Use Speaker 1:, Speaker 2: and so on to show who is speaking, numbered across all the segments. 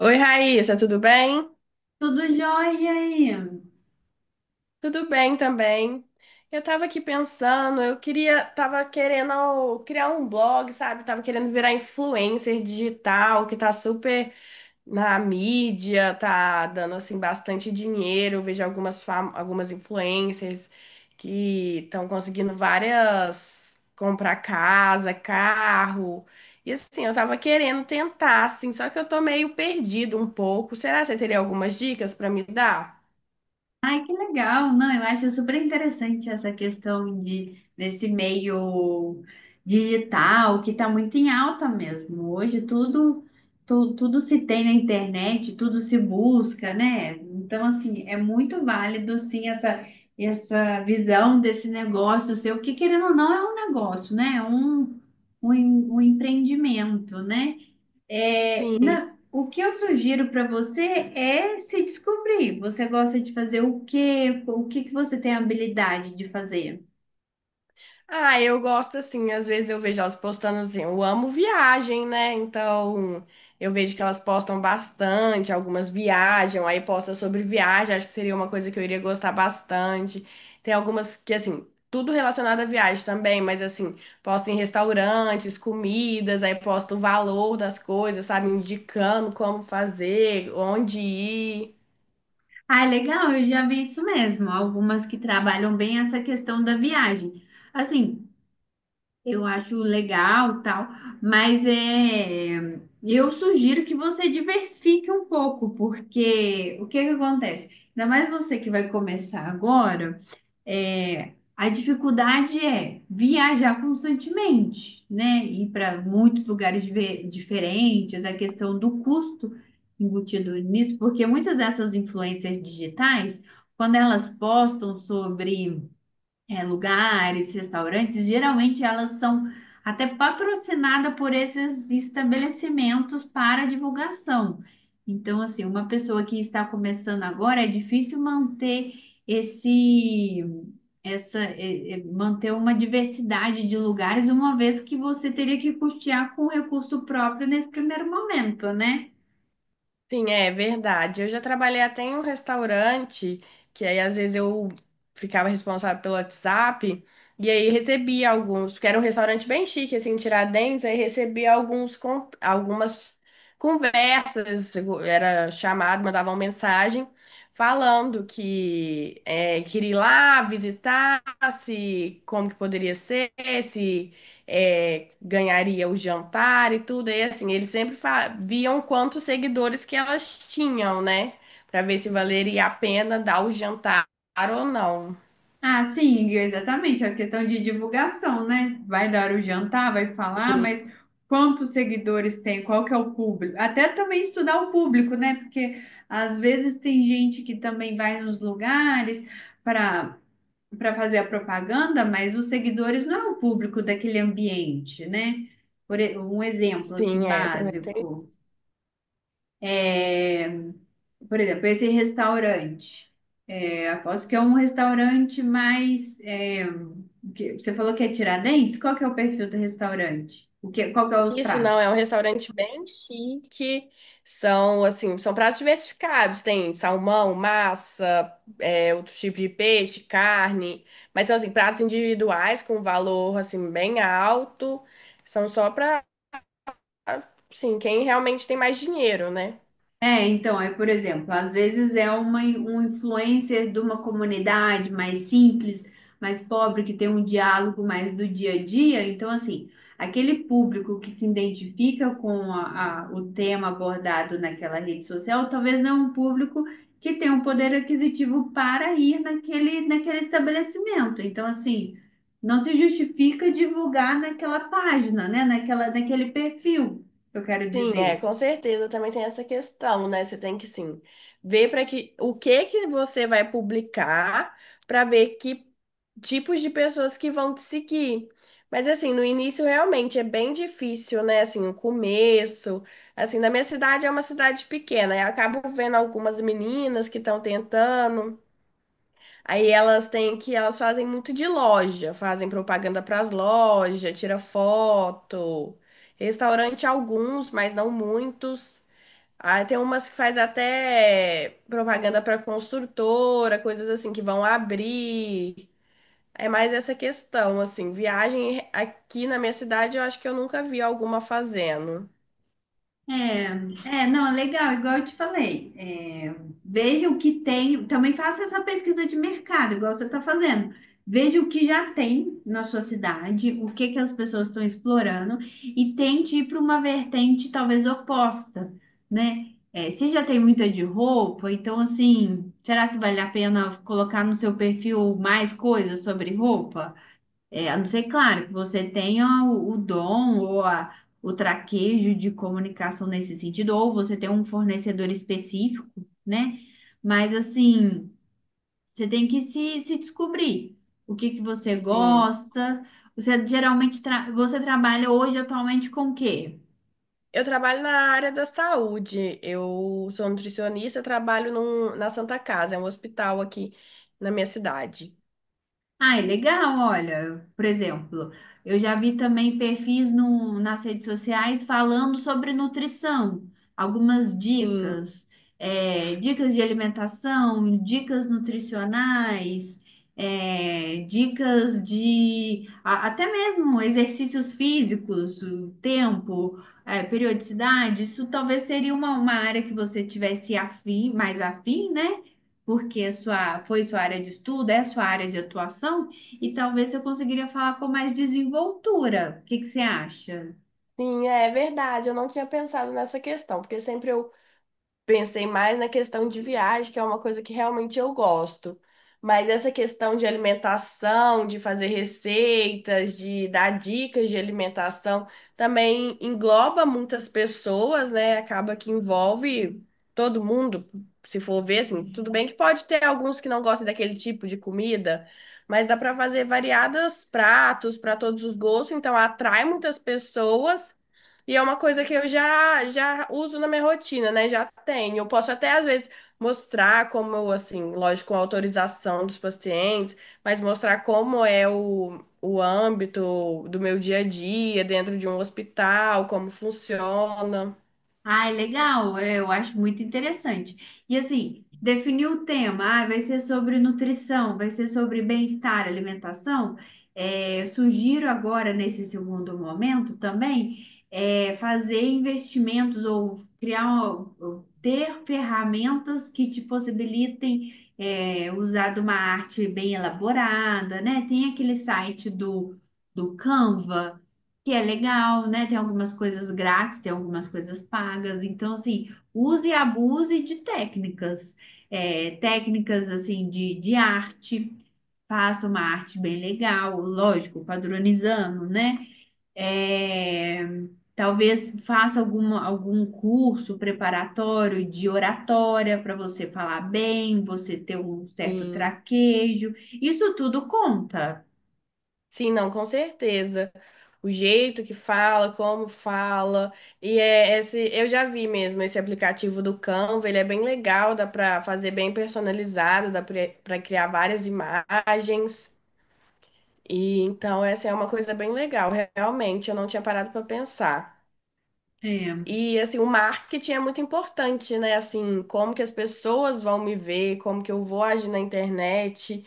Speaker 1: Oi, Raíssa, tudo bem?
Speaker 2: Tudo jóia aí.
Speaker 1: Tudo bem também. Eu tava aqui pensando, tava querendo criar um blog, sabe? Tava querendo virar influencer digital, que tá super na mídia, tá dando assim bastante dinheiro. Eu vejo algumas influencers que estão conseguindo várias comprar casa, carro. E assim, eu tava querendo tentar, assim, só que eu tô meio perdido um pouco. Será que você teria algumas dicas pra me dar?
Speaker 2: Ai, que legal. Não, eu acho super interessante essa questão de desse meio digital que está muito em alta mesmo. Hoje tudo, tudo se tem na internet, tudo se busca, né? Então, assim, é muito válido sim essa visão desse negócio seu, que querendo ou não é um negócio, né? É um empreendimento, né?
Speaker 1: Sim.
Speaker 2: O que eu sugiro para você é se descobrir. Você gosta de fazer o quê? O que que você tem habilidade de fazer?
Speaker 1: Ah, eu gosto assim, às vezes eu vejo elas postando assim, eu amo viagem, né? Então, eu vejo que elas postam bastante, algumas viajam, aí posta sobre viagem, acho que seria uma coisa que eu iria gostar bastante. Tem algumas que assim, tudo relacionado à viagem também, mas assim, posta em restaurantes, comidas, aí posta o valor das coisas, sabe, indicando como fazer, onde ir.
Speaker 2: Ah, legal, eu já vi isso mesmo. Algumas que trabalham bem essa questão da viagem. Assim, eu acho legal, tal, mas eu sugiro que você diversifique um pouco, porque o que que acontece? Ainda mais você que vai começar agora. É, a dificuldade é viajar constantemente, né? Ir para muitos lugares diferentes, a questão do custo embutido nisso, porque muitas dessas influências digitais, quando elas postam sobre lugares, restaurantes, geralmente elas são até patrocinadas por esses estabelecimentos para divulgação. Então, assim, uma pessoa que está começando agora é difícil manter esse, essa, é, é, manter uma diversidade de lugares, uma vez que você teria que custear com recurso próprio nesse primeiro momento, né?
Speaker 1: Sim, é verdade. Eu já trabalhei até em um restaurante, que aí às vezes eu ficava responsável pelo WhatsApp, e aí recebia alguns, porque era um restaurante bem chique, assim, em Tiradentes, aí recebia alguns, algumas conversas, era chamado, mandava uma mensagem falando queria ir lá visitar, se como que poderia ser, se ganharia o jantar e tudo. E assim, eles sempre viam quantos seguidores que elas tinham, né? Pra ver se valeria a pena dar o jantar ou não.
Speaker 2: Ah, sim, exatamente. A questão de divulgação, né? Vai dar o jantar, vai falar, mas quantos seguidores tem? Qual que é o público? Até também estudar o público, né? Porque às vezes tem gente que também vai nos lugares para para fazer a propaganda, mas os seguidores não é o público daquele ambiente, né? Um exemplo assim
Speaker 1: Sim, é, também tem.
Speaker 2: básico. É, por exemplo, esse restaurante. É, aposto que é um restaurante mais. Você falou que é Tiradentes? Qual que é o perfil do restaurante? O que, qual que é os
Speaker 1: Isso não, é um
Speaker 2: pratos?
Speaker 1: restaurante bem chique. São, assim, são pratos diversificados. Tem salmão, massa, outro tipo de peixe, carne. Mas são, assim, pratos individuais com valor, assim, bem alto. São só para Ah, sim, quem realmente tem mais dinheiro, né?
Speaker 2: É, então, aí, por exemplo, às vezes é um influencer de uma comunidade mais simples, mais pobre, que tem um diálogo mais do dia a dia. Então, assim, aquele público que se identifica com o tema abordado naquela rede social, talvez não é um público que tem um poder aquisitivo para ir naquele estabelecimento. Então, assim, não se justifica divulgar naquela página, né? Naquele perfil, eu quero
Speaker 1: Sim, é,
Speaker 2: dizer.
Speaker 1: com certeza também tem essa questão, né? Você tem que sim ver para que o que que você vai publicar para ver que tipos de pessoas que vão te seguir. Mas assim, no início realmente é bem difícil, né? Assim, o começo, assim, na minha cidade é uma cidade pequena, eu acabo vendo algumas meninas que estão tentando, aí elas têm que, elas fazem muito de loja, fazem propaganda para as lojas, tira foto. Restaurante alguns, mas não muitos. Aí tem umas que faz até propaganda para construtora, coisas assim que vão abrir. É mais essa questão, assim, viagem aqui na minha cidade, eu acho que eu nunca vi alguma fazendo.
Speaker 2: É, não, é legal, igual eu te falei. É, veja o que tem, também faça essa pesquisa de mercado, igual você está fazendo. Veja o que já tem na sua cidade, o que que as pessoas estão explorando e tente ir para uma vertente talvez oposta, né? É, se já tem muita de roupa, então assim, será se vale a pena colocar no seu perfil mais coisas sobre roupa? É, a não ser, claro, que você tenha o dom ou o traquejo de comunicação nesse sentido, ou você tem um fornecedor específico, né? Mas, assim, você tem que se descobrir o que que você
Speaker 1: Sim.
Speaker 2: gosta. Você trabalha hoje atualmente com o quê?
Speaker 1: Eu trabalho na área da saúde. Eu sou nutricionista, trabalho na Santa Casa, é um hospital aqui na minha cidade.
Speaker 2: Ah, é legal, olha, por exemplo, eu já vi também perfis no, nas redes sociais falando sobre nutrição, algumas
Speaker 1: Sim,
Speaker 2: dicas, dicas de alimentação, dicas nutricionais, dicas de até mesmo exercícios físicos, o tempo, periodicidade, isso talvez seria uma área que você tivesse afim, mais afim, né? Porque é sua, foi sua área de estudo, é sua área de atuação, e talvez eu conseguiria falar com mais desenvoltura. O que que você acha?
Speaker 1: sim, é verdade. Eu não tinha pensado nessa questão, porque sempre eu pensei mais na questão de viagem, que é uma coisa que realmente eu gosto. Mas essa questão de alimentação, de fazer receitas, de dar dicas de alimentação, também engloba muitas pessoas, né? Acaba que envolve todo mundo, se for ver, assim, tudo bem que pode ter alguns que não gostem daquele tipo de comida, mas dá para fazer variados pratos para todos os gostos, então atrai muitas pessoas. E é uma coisa que eu já uso na minha rotina, né? Já tenho. Eu posso até às vezes mostrar como, eu, assim, lógico, com autorização dos pacientes, mas mostrar como é o âmbito do meu dia a dia dentro de um hospital, como funciona.
Speaker 2: Ai, legal, é, eu acho muito interessante. E assim, definir o tema, ah, vai ser sobre nutrição, vai ser sobre bem-estar, alimentação. É, eu sugiro agora, nesse segundo momento também, fazer investimentos ou ou ter ferramentas que te possibilitem, usar de uma arte bem elaborada, né? Tem aquele site do Canva que é legal, né? Tem algumas coisas grátis, tem algumas coisas pagas. Então, assim, use e abuse de técnicas. É, técnicas, assim, de arte. Faça uma arte bem legal, lógico, padronizando, né? É, talvez faça algum curso preparatório de oratória para você falar bem, você ter um certo
Speaker 1: Sim.
Speaker 2: traquejo. Isso tudo conta.
Speaker 1: Sim, não, com certeza. O jeito que fala, como fala. E é esse, eu já vi mesmo esse aplicativo do Canva, ele é bem legal, dá para fazer bem personalizado, dá para criar várias imagens. E então essa é uma coisa bem legal, realmente, eu não tinha parado para pensar.
Speaker 2: É,
Speaker 1: E assim, o marketing é muito importante, né? Assim, como que as pessoas vão me ver, como que eu vou agir na internet,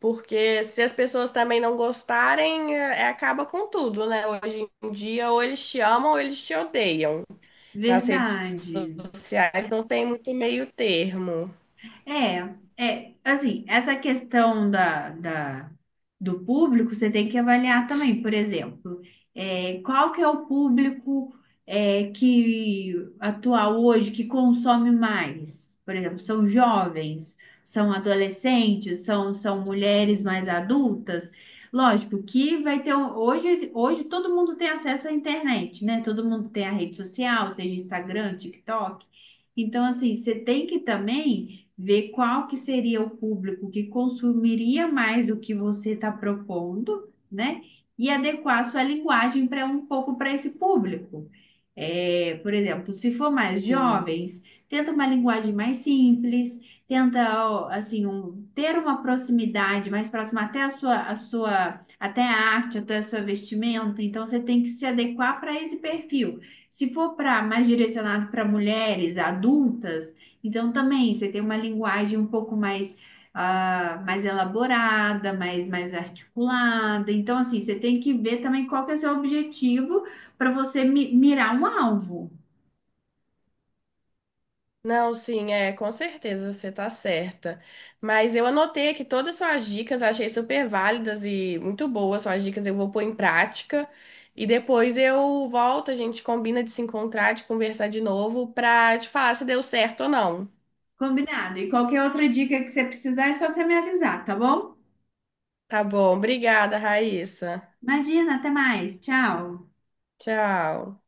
Speaker 1: porque se as pessoas também não gostarem, acaba com tudo, né? Hoje em dia, ou eles te amam ou eles te odeiam. Nas redes
Speaker 2: verdade.
Speaker 1: sociais não tem muito meio termo.
Speaker 2: É, assim, essa questão do público, você tem que avaliar também, por exemplo, é, qual que é o público é, que atual hoje, que consome mais? Por exemplo, são jovens, são adolescentes, são mulheres mais adultas. Lógico que vai ter, hoje todo mundo tem acesso à internet, né? Todo mundo tem a rede social, seja Instagram, TikTok. Então, assim, você tem que também ver qual que seria o público que consumiria mais o que você está propondo, né? E adequar a sua linguagem para um pouco para esse público. É, por exemplo, se for mais
Speaker 1: Sim.
Speaker 2: jovens, tenta uma linguagem mais simples, tenta ó, ter uma proximidade mais próxima até a sua até a arte, até a sua vestimenta. Então você tem que se adequar para esse perfil. Se for para mais direcionado para mulheres adultas, então também você tem uma linguagem um pouco mais, ah, mais elaborada, mais articulada. Então, assim, você tem que ver também qual que é o seu objetivo para você mirar um alvo.
Speaker 1: Não, sim, é, com certeza você tá certa. Mas eu anotei aqui todas as suas dicas, achei super válidas e muito boas suas dicas, eu vou pôr em prática e depois eu volto, a gente combina de se encontrar, de conversar de novo pra te falar se deu certo ou não.
Speaker 2: Combinado? E qualquer outra dica que você precisar é só você me avisar, tá bom?
Speaker 1: Tá bom, obrigada, Raíssa.
Speaker 2: Imagina, até mais. Tchau.
Speaker 1: Tchau.